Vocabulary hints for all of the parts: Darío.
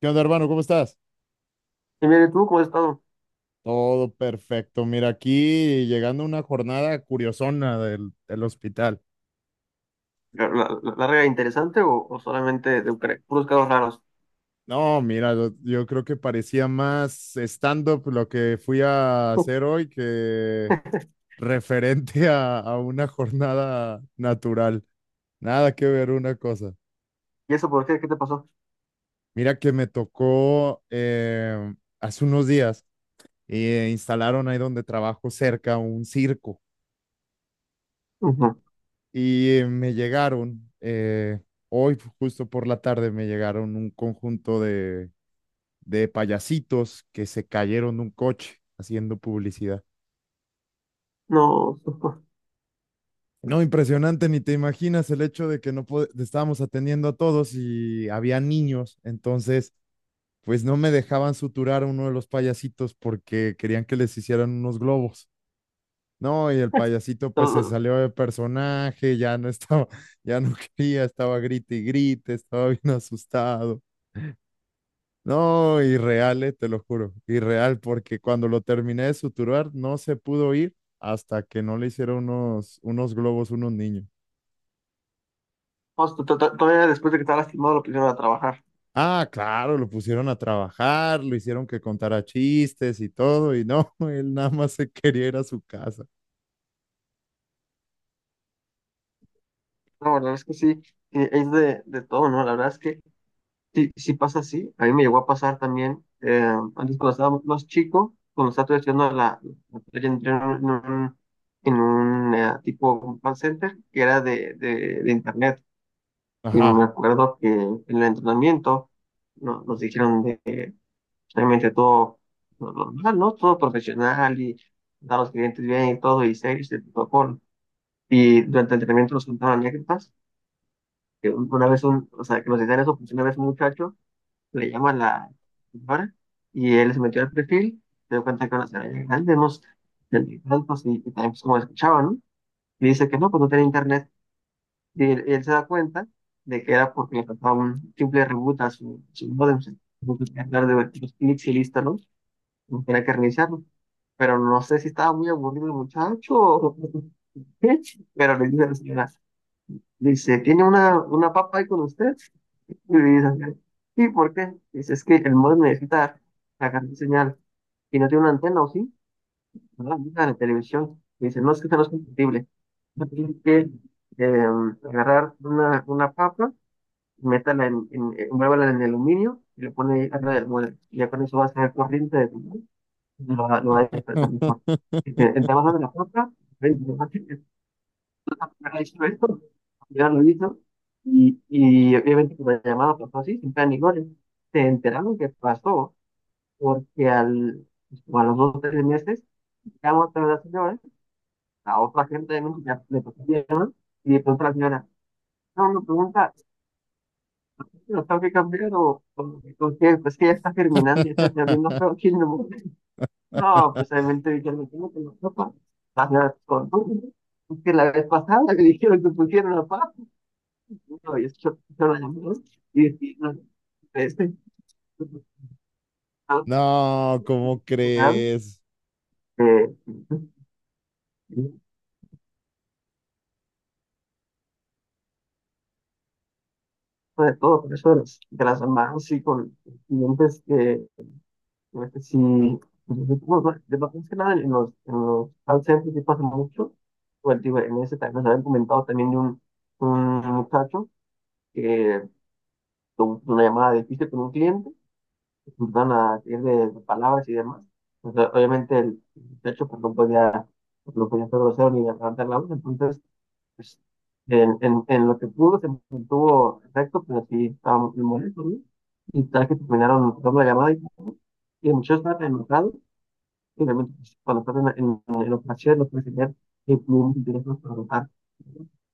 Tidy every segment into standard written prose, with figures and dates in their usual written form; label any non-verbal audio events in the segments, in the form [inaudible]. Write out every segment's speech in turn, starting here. ¿Qué onda, hermano? ¿Cómo estás? Y mire, ¿tú cómo has estado? Todo perfecto. Mira, aquí llegando una jornada curiosona del hospital. ¿La larga e interesante o solamente de Ucrania? Puros casos raros. No, mira, yo creo que parecía más stand-up lo que fui a hacer [laughs] hoy que referente a una jornada natural. Nada que ver una cosa. ¿Y eso por qué? ¿Qué te pasó? Mira que me tocó hace unos días, instalaron ahí donde trabajo cerca un circo. Ujú. Y me llegaron, hoy justo por la tarde me llegaron un conjunto de payasitos que se cayeron de un coche haciendo publicidad. No. No, impresionante, ni te imaginas el hecho de que no pod- estábamos atendiendo a todos y había niños, entonces pues no me dejaban suturar a uno de los payasitos porque querían que les hicieran unos globos. No, y el [laughs] payasito pues Pero se salió de personaje, ya no estaba, [laughs] ya no quería, estaba grite y grite, estaba bien asustado. No, irreal, te lo juro, irreal, porque cuando lo terminé de suturar no se pudo ir hasta que no le hicieron unos globos, unos niños. vamos, todavía después de que estaba lastimado lo pusieron a trabajar. Ah, claro, lo pusieron a trabajar, lo hicieron que contara chistes y todo, y no, [laughs] él nada más se quería ir a su casa. No, la verdad es que sí, es de todo, ¿no? La verdad es que sí, sí pasa así. A mí me llegó a pasar también, antes cuando estaba más chico, cuando estaba todavía estudiando la playa, entré en un, tipo call center que era de internet. Y me Ajá. acuerdo que en el entrenamiento nos dijeron de que realmente todo lo normal, ¿no? Todo profesional y dar a los clientes bien y todo, y serios y protocolo. Y durante el entrenamiento nos contaban anécdotas, que una vez un, o sea, que nos decían eso, porque una vez un muchacho le llama a la señora y él se metió al perfil, se dio cuenta que era una señora ya grande, unos treinta y tantos, y también pues, como escuchaba, ¿no? Y dice que no, pues no tenía internet. Y él se da cuenta de que era porque le faltaba un simple reboot a su módem. Se tuvo que cargar de varios clics y listo, ¿no? No tenía que reiniciarlo. Pero no sé si estaba muy aburrido el muchacho o [laughs] qué. Pero le dice a la señora, dice, ¿tiene una papa ahí con usted? Y le dice, sí, ¿por qué? Dice, es que el modem necesita cargar señal. Y no tiene una antena, ¿o sí? ¿No? En la televisión y dicen, no, es que esto no es compatible. Yo que eh, agarrar una papa, métala envuélvala en el aluminio y le pone ahí arriba del mueble. Y ya con eso va a ser corriente de tu molde y lo va a despertar mejor. Y te [laughs] vas a la papa, ven, te vas a decir, "Ah, hizo esto, ya lo hizo." Y obviamente con la llamada pasó así, sin plan ni goles. Se enteraron que pasó porque como a los 2 o 3 meses, llamó otra vez a la señora a otra gente de México ya le pasó bien, ¿no? Y de pronto la señora, no, me pregunta, ¿sí que lo tengo que cambiar o qué? Pues que ya está germinando y ya está abriendo feo aquí no. No, pues obviamente dijeron, me tengo que la sopa. La señora, con todo, es que la vez pasada le dijeron que pusieron la paz. No, y escuchó la llamada y dije, no, este, ah, No, ¿cómo final, crees? eh, de todo, por eso de de las mamás y con clientes que... sí, pues, bueno, bueno, de más que nada en en los call centers sí pasa mucho. Bueno, digo, en ese también nos habían comentado también de un muchacho que tuvo una llamada difícil con un cliente, que se empezaron a ir de palabras y demás. O sea, obviamente el muchacho pues, no podía ser grosero ni levantar la voz, entonces pues, en lo que pudo se mantuvo recto, pero sí estaba muy molesto, ¿no? Y tal que terminaron cortando la llamada y el muchacho estaba enojado. Y realmente, pues, cuando estás en operaciones, no puedes tener que clientes teléfono para votar.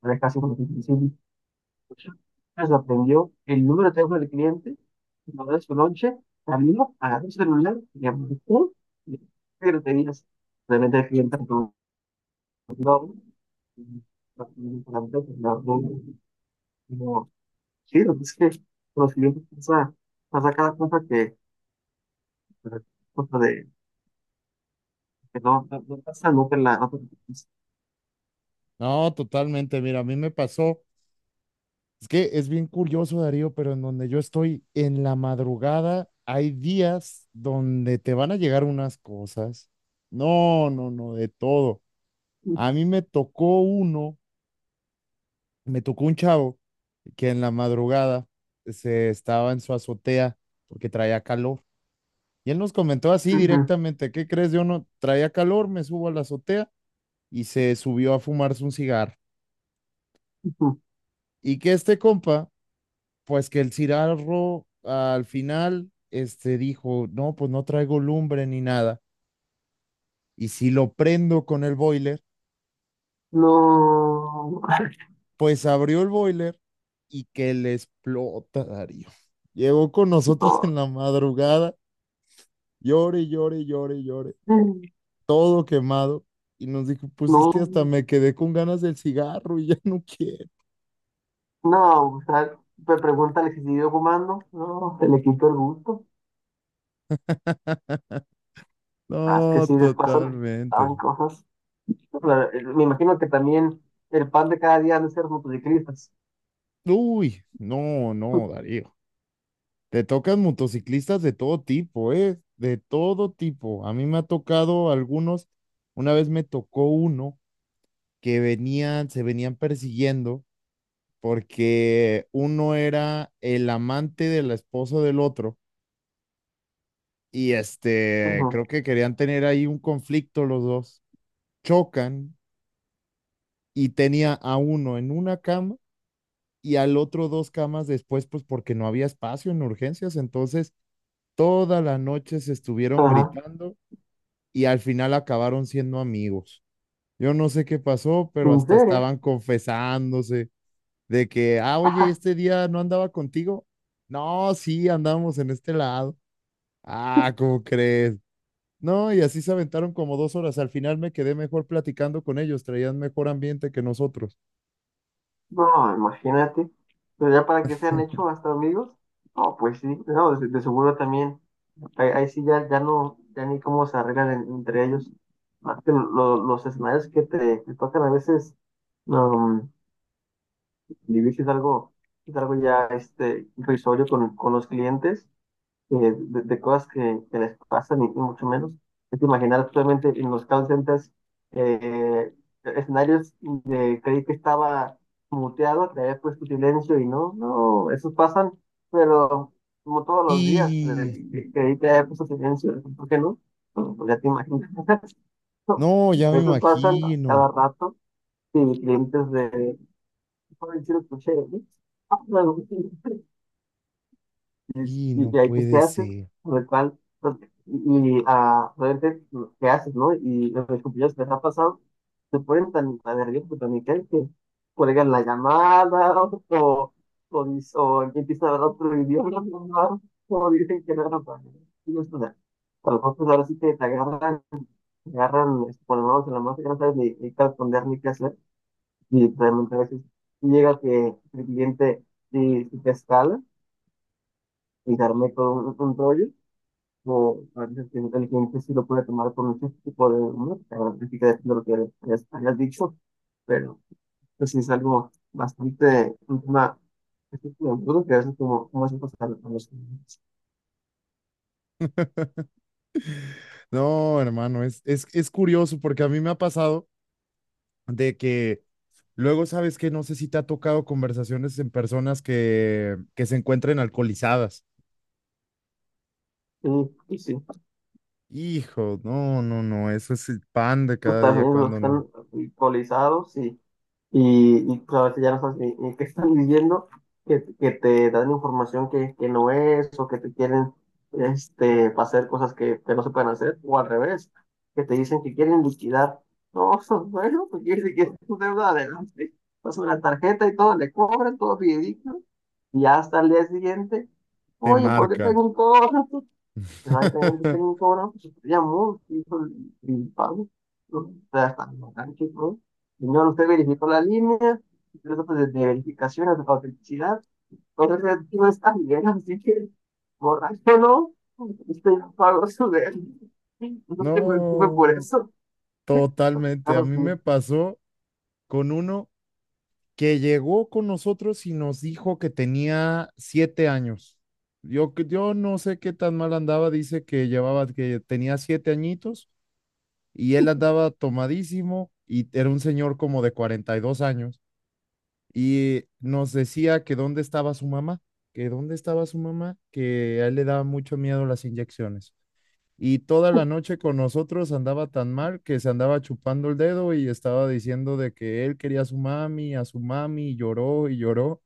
Ahora es casi como que imposible. Se aprendió el número de teléfono del cliente, lo de su lonche, salió, agarró su celular, le marcó, y pero tenías realmente el cliente reconoció, y la empresa, la reunión, como, sí, lo que es que con los clientes pasa cada cosa que, cosa de, que no, no, no pasa nunca en la. No, totalmente. Mira, a mí me pasó. Es que es bien curioso, Darío, pero en donde yo estoy en la madrugada, hay días donde te van a llegar unas cosas. No, no, no, de todo. A mí me tocó uno, me tocó un chavo que en la madrugada se estaba en su azotea porque traía calor. Y él nos comentó así directamente, ¿qué crees? Yo no traía calor, me subo a la azotea y se subió a fumarse un cigarro. Ujú. Y que este compa pues que el Cirarro al final este, dijo, no, pues no traigo lumbre ni nada. Y si lo prendo con el boiler, No, [laughs] pues abrió el boiler y que le explota, Darío. Llegó con nosotros en no, la madrugada, llore, llore, llore, llore, todo quemado. Y nos dijo, pues es que no, hasta me quedé con ganas del cigarro y ya no quiero. no, o sea, me preguntan si siguió fumando, no, se le quitó el gusto, más que No, sí, después totalmente. saben cosas. Pero, me imagino que también el pan de cada día han de ser motociclistas. Uy, no, no, [laughs] Darío. Te tocan motociclistas de todo tipo, ¿eh? De todo tipo. A mí me ha tocado algunos. Una vez me tocó uno que se venían persiguiendo porque uno era el amante de la esposa del otro y este, Ujú. creo que querían tener ahí un conflicto los dos. Chocan y tenía a uno en una cama y al otro dos camas después, pues porque no había espacio en urgencias. Entonces, toda la noche se estuvieron Ajá. gritando y al final acabaron siendo amigos. Yo no sé qué pasó, pero ¿En hasta serio? estaban confesándose de que, ah, oye, Ajá, este día no andaba contigo. No, sí, andamos en este lado. Ah, ¿cómo crees? No, y así se aventaron como 2 horas. Al final me quedé mejor platicando con ellos, traían mejor ambiente que nosotros. no, imagínate, pero ya para que se han hecho hasta amigos, no, pues sí, no, de seguro también. Ahí, ahí sí ya, ya no, ya ni cómo se arreglan entre ellos. Más que los escenarios que te, que tocan a veces, um, vivir es algo, ya irrisorio con los clientes de cosas que les pasan y mucho menos. Es imaginar actualmente en los call centers eh, escenarios de creí que estaba muteado, que había puesto silencio y no, no, esos pasan, pero como todos los días, de Y creí que había puesto silencio, ¿por qué no? Bueno, pues ya te imaginas. [laughs] no, ya me Esos pasan imagino. cada rato y clientes de, "Ay, sí lo escuché, ¿eh?" Ah, bueno. [laughs] Y Y no que ahí pues qué puede haces, ser. sobre cuál, y realmente qué haces, ¿no? Y los compañeros que les ha pasado se ponen tan, tan nerviosos, tan intensos, que cuelgan la llamada [laughs] o, o, o empiezan a hablar otro idioma, [laughs] ¿no? O dicen que no era para ellos. Y esto, o sea, a los otros ahora sí que te agarran, con las manos en la masa, que no sabes ni qué responder ni qué hacer, y realmente a veces llega que el cliente y te escala y te arme con un rollo o a veces que el cliente sí lo puede tomar por muchos tipo de música, música depende de lo que hayas dicho, pero pues sí es algo bastante, un tema bastante duro que a veces como es pasar a los clientes. No, hermano, es curioso porque a mí me ha pasado de que luego sabes que no sé si te ha tocado conversaciones en personas que se encuentren alcoholizadas. Y sí, Hijo, no, no, no, eso es el pan de pues cada día también los que cuando no están alcoholizados y pues, a ya no sabes ni qué están viviendo, que te dan información que no es, o que te quieren hacer cosas que no se pueden hacer, o al revés, que te dicen que quieren liquidar. No, [laughs] bueno, pues quiere decir que es tu deuda adelante, pasan la tarjeta y todo, le cobran, todo fidedigno, y hasta el día siguiente, te oye, ¿por qué marca. tengo un cobro? Exactamente, [laughs] tengo como una filosofía muy principal. ¿No? O sea, hasta el bastante, ¿no? Señor, usted verificó la línea, incluso pues, desde verificaciones de autenticidad. Entonces, no está bien, así que borráchelo. Usted ya pagó su de. No se preocupe por No, eso. totalmente. A Caso mí me sí, pasó con uno que llegó con nosotros y nos dijo que tenía 7 años. Yo, que yo no sé qué tan mal andaba, dice que que tenía 7 añitos y él andaba tomadísimo y era un señor como de 42 años y nos decía que dónde estaba su mamá, que dónde estaba su mamá, que a él le daba mucho miedo las inyecciones. Y toda la noche con nosotros andaba tan mal que se andaba chupando el dedo y estaba diciendo de que él quería a su mami, y lloró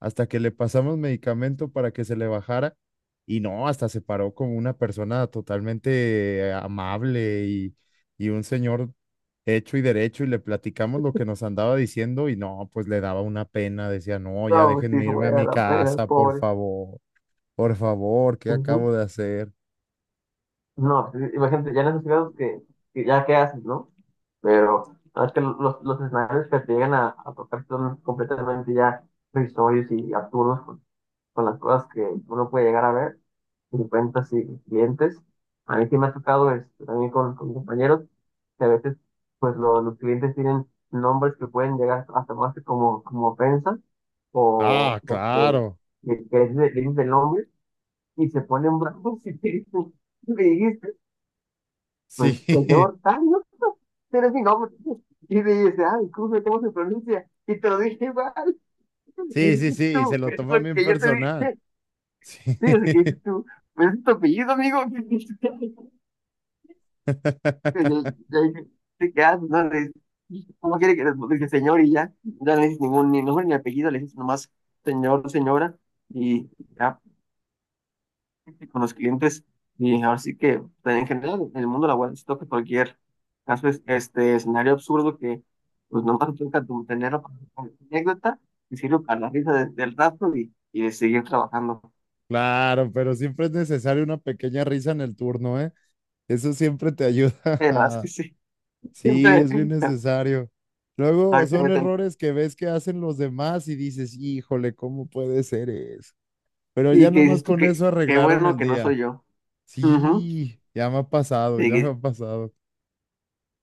hasta que le pasamos medicamento para que se le bajara y no, hasta se paró como una persona totalmente amable y, un señor hecho y derecho y le platicamos lo que nos andaba diciendo y no, pues le daba una pena, decía, no, ya no, pues sí, déjenme se irme voy a a dar mi la pena, el casa, pobre. Por favor, ¿qué Ujú. acabo de hacer? No, sí, imagínate, ya en esos casos que ya qué haces, ¿no? Pero no, es que los escenarios que te llegan a tocar son completamente ya risorios y absurdos con las cosas que uno puede llegar a ver, en cuentas y clientes. A mí sí me ha tocado también con compañeros que a veces pues los clientes tienen nombres que pueden llegar a tomarse como ofensa o, Ah, o que, claro, que, que dices, el nombre y se ponen bravos y [laughs] te dicen, me dijiste sí, pues, [laughs] señor, ay, no, no, pero es mi nombre. Y me dice, ay, ¿cómo se pronuncia? Y te lo dije mal. Y sí, sí, sí, dices y se tú, lo es toma lo bien que yo te personal. dije. Sí. Sí, es lo que dices tú. Pero es tu apellido, amigo. [laughs] Y yo- [laughs] yo dije, te quedas, no le dices, ¿cómo quiere que le dice señor? Y ya, ya no le dices ningún ni nombre ni apellido, le dices nomás señor, señora. Y ya, con los clientes y ahora sí que pues, en general en el mundo laboral siento que cualquier caso es este escenario absurdo que pues nomás te toca tenerlo como anécdota y sirve para la risa del rato y de seguir trabajando. Claro, pero siempre es necesario una pequeña risa en el turno, ¿eh? Eso siempre te La verdad es que ayuda. [laughs] sí, Sí, siempre es bien necesario. Luego son exactamente. errores que ves que hacen los demás y dices, híjole, ¿cómo puede ser eso? Pero Y ya que nada más dices tú con que eso qué arreglaron bueno el que no soy día. yo. Ujú. Sí, ya me ha pasado, Y ya que, me ha sí, pasado.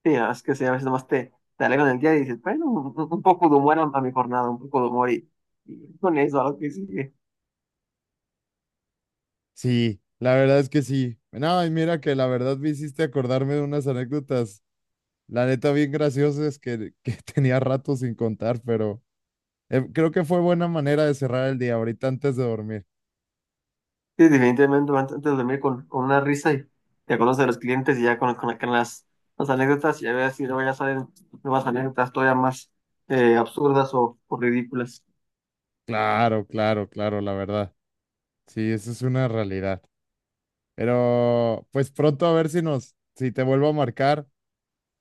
la verdad es que sí, a veces nomás te alegran el día y dices, bueno, un poco de humor a mi jornada, un poco de humor y con eso a lo que sigue. Sí, la verdad es que sí. No, y mira que la verdad me hiciste acordarme de unas anécdotas, la neta bien graciosas que [laughs] tenía rato sin contar, pero... Creo que fue buena manera de cerrar el día ahorita antes de dormir. Sí, definitivamente antes de dormir con una risa y te acuerdas de los clientes y ya con las anécdotas y a ver si luego ya salen nuevas anécdotas todavía más absurdas o ridículas. Claro, claro, claro, la verdad. Sí, eso es una realidad. Pero pues pronto a ver si te vuelvo a marcar,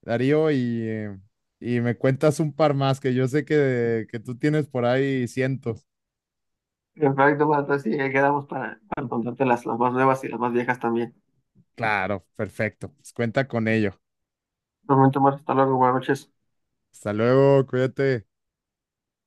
Darío, y me cuentas un par más que yo sé que tú tienes por ahí cientos. Perfecto, bueno, entonces sí, ahí quedamos para contarte las más nuevas y las más viejas también. Claro, perfecto. Pues cuenta con ello. Un momento más, hasta luego, buenas noches. Hasta luego, cuídate.